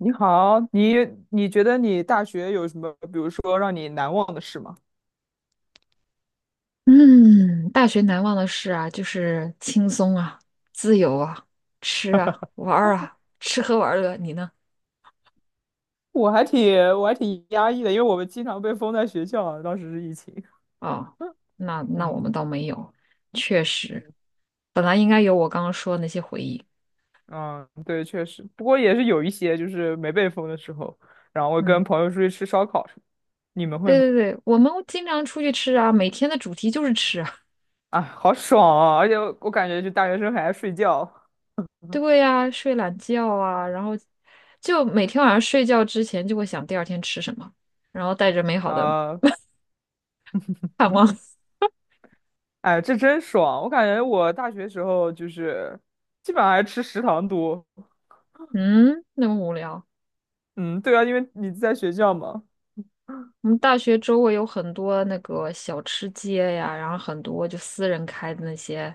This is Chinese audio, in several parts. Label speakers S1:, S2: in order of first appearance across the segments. S1: 你好，你觉得你大学有什么，比如说让你难忘的事吗？
S2: 嗯，大学难忘的事啊，就是轻松啊，自由啊，吃啊，玩儿啊，吃喝玩乐。你呢？
S1: 我还挺压抑的，因为我们经常被封在学校啊，当时是疫情。
S2: 哦，那我
S1: 嗯
S2: 们倒没有，确
S1: 嗯
S2: 实，本来应该有我刚刚说的那些回忆。
S1: 嗯，对，确实，不过也是有一些就是没被封的时候，然后会
S2: 嗯，
S1: 跟朋友出去吃烧烤什么。你们会
S2: 对
S1: 吗？
S2: 对对，我们经常出去吃啊，每天的主题就是吃啊。
S1: 啊，好爽啊！而且我感觉就大学生还爱睡觉。
S2: 对呀，睡懒觉啊，然后就每天晚上睡觉之前就会想第二天吃什么，然后带着 美好的
S1: 啊，
S2: 盼望。
S1: 哎，这真爽！我感觉我大学时候就是基本上还吃食堂多。
S2: 嗯，那么无聊。
S1: 嗯，对啊，因为你在学校嘛。
S2: 我们大学周围有很多那个小吃街呀，然后很多就私人开的那些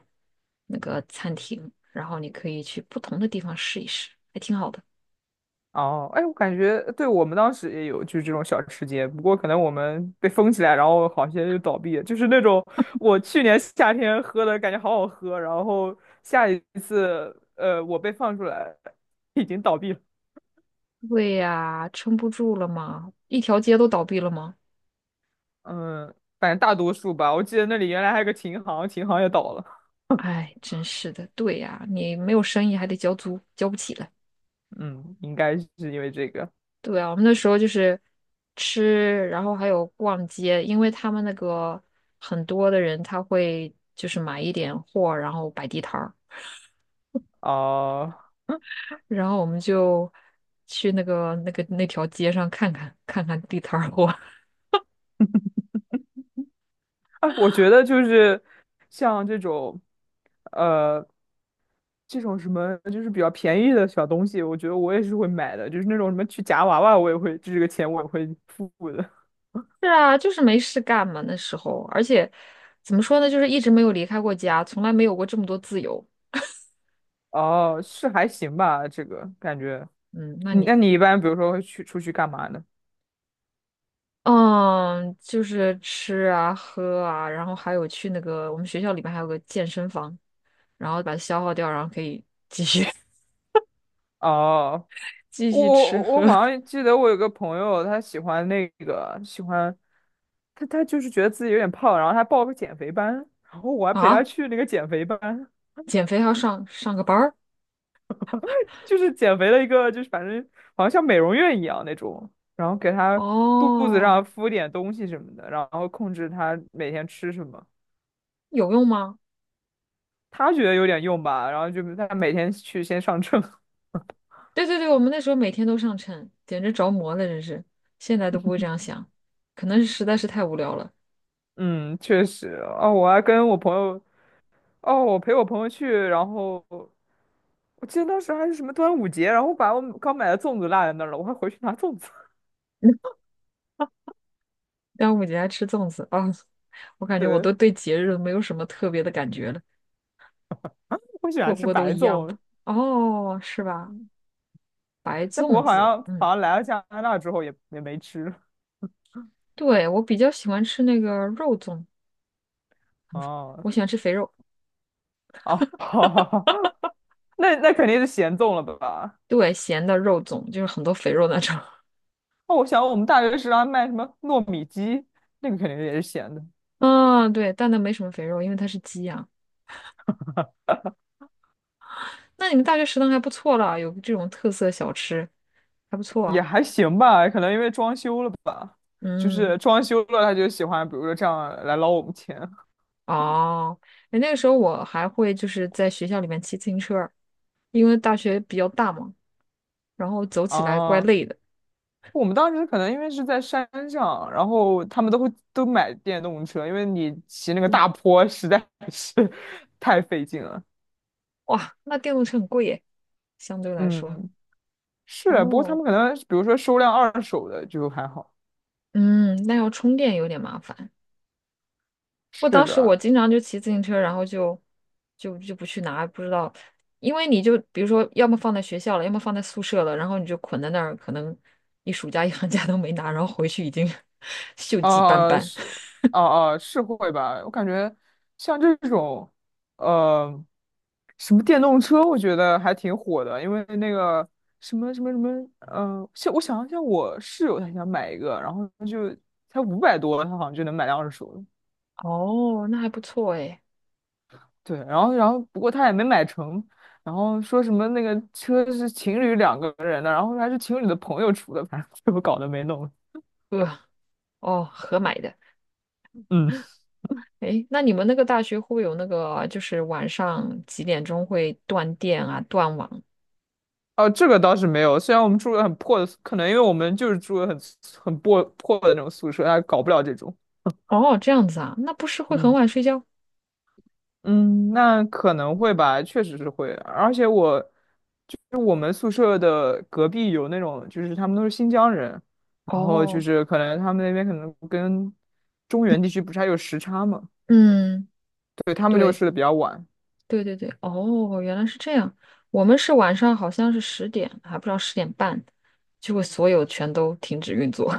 S2: 那个餐厅，然后你可以去不同的地方试一试，还挺好的。
S1: 哦，哎，我感觉对我们当时也有就是这种小吃街，不过可能我们被封起来，然后好些就倒闭了，就是那种我去年夏天喝的感觉好好喝，然后下一次我被放出来已经倒闭了。
S2: 对呀，撑不住了吗？一条街都倒闭了吗？
S1: 嗯，反正大多数吧，我记得那里原来还有个琴行，琴行也倒了。
S2: 哎，真是的。对呀，你没有生意还得交租，交不起了。
S1: 嗯，应该是因为这个。
S2: 对啊，我们那时候就是吃，然后还有逛街，因为他们那个很多的人他会就是买一点货，然后摆地摊儿。
S1: 哦，
S2: 然后我们就去那个那条街上看看地摊儿货。
S1: 哎，我觉得就是像这种，呃，这种什么就是比较便宜的小东西，我觉得我也是会买的，就是那种什么去夹娃娃，我也会，这个钱我也会付的。
S2: 是啊，就是没事干嘛那时候，而且怎么说呢，就是一直没有离开过家，从来没有过这么多自由。
S1: 哦，是还行吧，这个感觉。
S2: 嗯，那
S1: 你
S2: 你
S1: 那你一般比如说会去出去干嘛呢？
S2: 嗯，就是吃啊喝啊，然后还有去那个我们学校里面还有个健身房，然后把它消耗掉，然后可以继续
S1: 哦，
S2: 继
S1: 我
S2: 续吃
S1: 我
S2: 喝
S1: 我好像记得我有个朋友，他喜欢那个喜欢，他就是觉得自己有点胖，然后他报个减肥班，然后我还 陪他
S2: 啊。
S1: 去那个减肥班。
S2: 减肥还要上个班儿
S1: 就是减肥的一个，就是反正好像像美容院一样那种，然后给他肚子
S2: 哦，
S1: 上敷点东西什么的，然后控制他每天吃什么。
S2: 有用吗？
S1: 他觉得有点用吧，然后就他每天去先上秤。
S2: 对对对，我们那时候每天都上秤，简直着魔了，真是。现在都不会这样想，可能是实在是太无聊了。
S1: 嗯，确实。哦，我还跟我朋友，哦，我陪我朋友去，然后我记得当时还是什么端午节，然后把我刚买的粽子落在那儿了，我还回去拿粽子。
S2: 端午节还吃粽子啊，我感觉我
S1: 对，
S2: 都对节日没有什么特别的感觉了，
S1: 我喜
S2: 过
S1: 欢
S2: 不
S1: 吃
S2: 过都
S1: 白
S2: 一样吧。
S1: 粽，
S2: 哦，是吧？
S1: 嗯，
S2: 白
S1: 但不
S2: 粽
S1: 过好
S2: 子，
S1: 像好
S2: 嗯，
S1: 像来了加拿大之后也没吃。
S2: 对，我比较喜欢吃那个肉粽，
S1: 哦，
S2: 我喜欢吃肥肉，
S1: 哦，那肯定是咸粽了吧？
S2: 对，咸的肉粽，就是很多肥肉那种。
S1: 哦，我想我们大学食堂卖什么糯米鸡，那个肯定也是咸的。
S2: 啊，对，但那没什么肥肉，因为它是鸡啊。那你们大学食堂还不错啦，有这种特色小吃，还不错
S1: 也
S2: 啊。
S1: 还行吧。可能因为装修了吧，就
S2: 嗯，
S1: 是装修了，他就喜欢，比如说这样来捞我们钱
S2: 哦，哎，那个时候我还会就是在学校里面骑自行车儿因为大学比较大嘛，然后走起来怪
S1: 啊。
S2: 累的。
S1: 我们当时可能因为是在山上，然后他们都会都买电动车，因为你骑那个
S2: 哇
S1: 大坡实在是 太费劲了。
S2: 哇，那电动车很贵耶，相对来说。
S1: 嗯，是，不过他
S2: 哦，
S1: 们可能比如说收辆二手的就还好。
S2: 嗯，那要充电有点麻烦。不，
S1: 是
S2: 当时我
S1: 的，
S2: 经常就骑自行车，然后就不去拿，不知道，因为你就比如说，要么放在学校了，要么放在宿舍了，然后你就捆在那儿，可能一暑假一 寒假都没拿，然后回去已经 锈迹斑
S1: 啊
S2: 斑。
S1: 是，啊哦，是会吧？我感觉像这种，呃，什么电动车，我觉得还挺火的，因为那个什么什么什么，像我想像我室友他想买一个，然后就才500多，他好像就能买辆二手的。
S2: 哦，那还不错哎。
S1: 对，然后不过他也没买成，然后说什么那个车是情侣两个人的，然后还是情侣的朋友出的，反正 最后搞得没弄。
S2: 呃，哦，合买的。
S1: 嗯。
S2: 诶，那你们那个大学会不会有那个，就是晚上几点钟会断电啊、断网？
S1: 哦，这个倒是没有。虽然我们住的很破的宿，可能因为我们就是住的很破破的那种宿舍，他搞不了这种。
S2: 哦，这样子啊，那不是会很
S1: 嗯
S2: 晚睡觉？
S1: 嗯，那可能会吧，确实是会。而且我就是我们宿舍的隔壁有那种，就是他们都是新疆人，然后就
S2: 哦，
S1: 是可能他们那边可能跟中原地区不是还有时差嘛，
S2: 嗯，
S1: 对，他们就
S2: 对，
S1: 睡得比较晚。
S2: 对对对，哦，原来是这样。我们是晚上好像是十点，还不知道10点半，就会所有全都停止运作。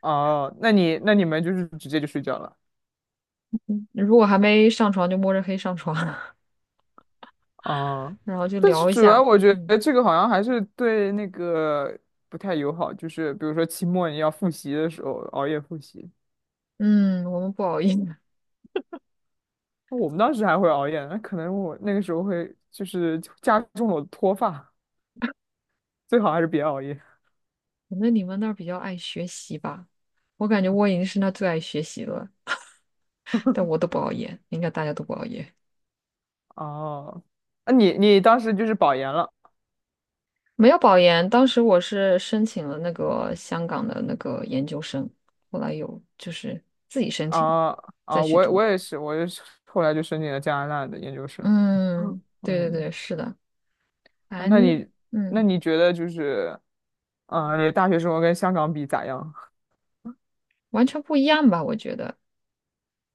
S1: 哦，那你们就是直接就睡觉了。
S2: 如果还没上床，就摸着黑上床，
S1: 啊，
S2: 然后就
S1: 但是
S2: 聊一
S1: 主
S2: 下。
S1: 要我觉
S2: 嗯
S1: 得这个好像还是对那个不太友好，就是比如说期末你要复习的时候熬夜复习，
S2: 嗯，我们不熬夜，
S1: 我们当时还会熬夜，那可能我那个时候会就是加重了我的脱发，最好还是别熬夜。
S2: 可能你们那儿比较爱学习吧。我感觉我已经是那最爱学习了，但我都不熬夜，应该大家都不熬夜，
S1: 哦，那你当时就是保研了
S2: 没有保研。当时我是申请了那个香港的那个研究生，后来有就是自己申请的，
S1: 啊？
S2: 再
S1: 啊，
S2: 去
S1: 我
S2: 读。
S1: 我也是，我也是后来就申请了加拿大的研究生。哦
S2: 嗯，对对对，
S1: 嗯，
S2: 是的，
S1: 啊
S2: 反
S1: 那
S2: 正
S1: 你那
S2: 嗯，
S1: 你觉得就是，啊，你的大学生活跟香港比咋样？
S2: 完全不一样吧？我觉得，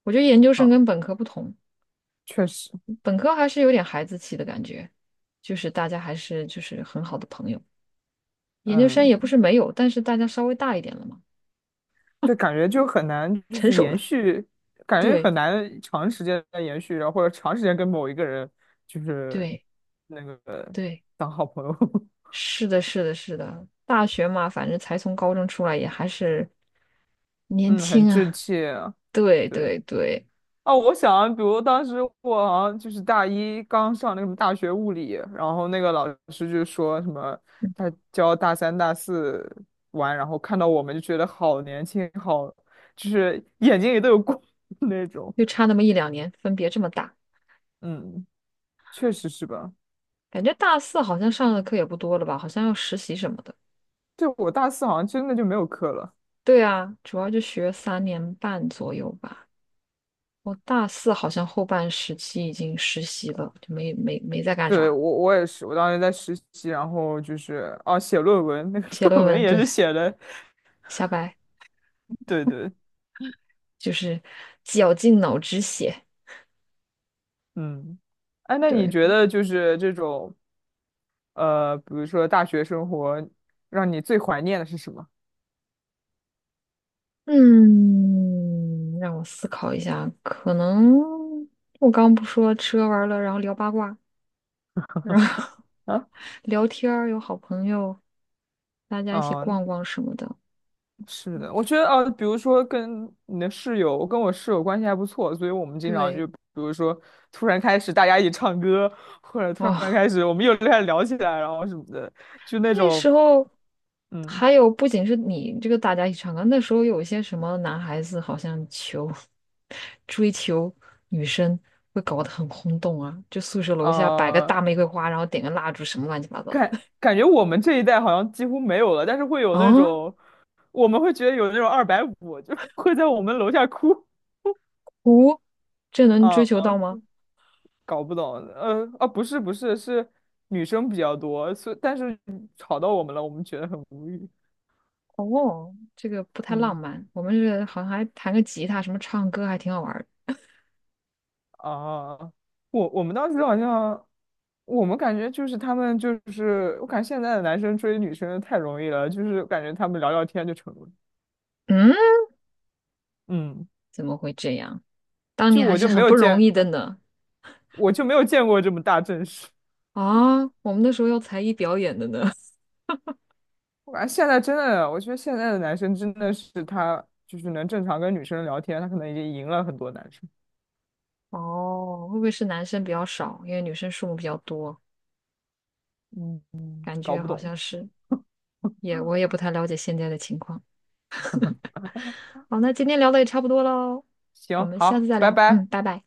S2: 我觉得研究生
S1: 啊？
S2: 跟本科不同，
S1: 确实，
S2: 本科还是有点孩子气的感觉，就是大家还是就是很好的朋友。研究生也不
S1: 嗯，
S2: 是没有，但是大家稍微大一点了嘛，
S1: 就感觉就很难，就
S2: 成
S1: 是
S2: 熟
S1: 延
S2: 了。
S1: 续，感觉
S2: 对
S1: 很难长时间的延续，然后或者长时间跟某一个人就是
S2: 对。
S1: 那个
S2: 对
S1: 当好朋友，
S2: 是的，是的，是的，大学嘛，反正才从高中出来，也还是年
S1: 嗯，很
S2: 轻
S1: 稚
S2: 啊。
S1: 气啊。
S2: 对
S1: 对，
S2: 对对，
S1: 啊，我想，比如当时我好像就是大一刚上那个什么大学物理，然后那个老师就说什么，他教大三、大四玩，然后看到我们就觉得好年轻，好，就是眼睛里都有光 那种。
S2: 就差那么一两年，分别这么大，
S1: 嗯，确实是吧。
S2: 感觉大四好像上的课也不多了吧？好像要实习什么的。
S1: 对，我大四好像真的就没有课了。
S2: 对啊，主要就学3年半左右吧。我大四好像后半时期已经实习了，就没在干
S1: 对，我
S2: 啥，
S1: 我也是，我当时在实习，然后就是哦写论文，那个
S2: 写 论
S1: 论文
S2: 文，
S1: 也
S2: 对，
S1: 是写的，
S2: 瞎掰，
S1: 对对，
S2: 就是绞尽脑汁写。
S1: 嗯，哎，那你
S2: 对，
S1: 觉得就是这种比如说大学生活，让你最怀念的是什么？
S2: 嗯，让我思考一下，可能我刚刚不说吃喝玩乐，然后聊八卦，然后
S1: 啊？
S2: 聊天儿，有好朋友，大家一起
S1: 嗯，
S2: 逛逛什么的。
S1: 是的，我觉得啊，比如说跟你的室友，我跟我室友关系还不错，所以我们经常就
S2: 对，
S1: 比如说突然开始大家一起唱歌，或者突然
S2: 哦，
S1: 开始我们又开始聊起来，然后什么的，就那
S2: 那时
S1: 种。
S2: 候
S1: 嗯，
S2: 还有不仅是你这个大家一起唱歌，那时候有一些什么男孩子好像求 追求女生会搞得很轰动啊，就宿舍楼下摆个
S1: 呃，
S2: 大玫瑰花，然后点个蜡烛，什么乱七八糟的。
S1: 感觉我们这一代好像几乎没有了，但是会 有那
S2: 啊，
S1: 种，我们会觉得有那种二百五，就会在我们楼下哭
S2: 哦，这能追求到
S1: 啊，
S2: 吗？
S1: 搞不懂，啊，不是不是，是女生比较多，所以但是吵到我们了，我们觉得很无语，
S2: 哦，这个不太浪
S1: 嗯
S2: 漫。我们是好像还弹个吉他，什么唱歌还挺好玩儿的
S1: 啊，我们当时好像，我们感觉就是他们就是，我感觉现在的男生追女生太容易了，就是感觉他们聊聊天就成了，
S2: 嗯，
S1: 嗯。
S2: 怎么会这样？当
S1: 就
S2: 年还
S1: 我
S2: 是
S1: 就没
S2: 很
S1: 有
S2: 不容
S1: 见，
S2: 易的呢。
S1: 我就没有见过这么大阵势。
S2: 啊，我们那时候要才艺表演的呢。
S1: 我感觉现在真的，我觉得现在的男生真的是他就是能正常跟女生聊天，他可能已经赢了很多男生。
S2: 哦，会不会是男生比较少，因为女生数目比较多？
S1: 嗯，
S2: 感
S1: 搞
S2: 觉
S1: 不
S2: 好
S1: 懂。
S2: 像是，我也不太了解现在的情况。好，那今天聊的也差不多喽，我
S1: 行，
S2: 们下次
S1: 好，
S2: 再
S1: 拜
S2: 聊。
S1: 拜。
S2: 嗯，拜拜。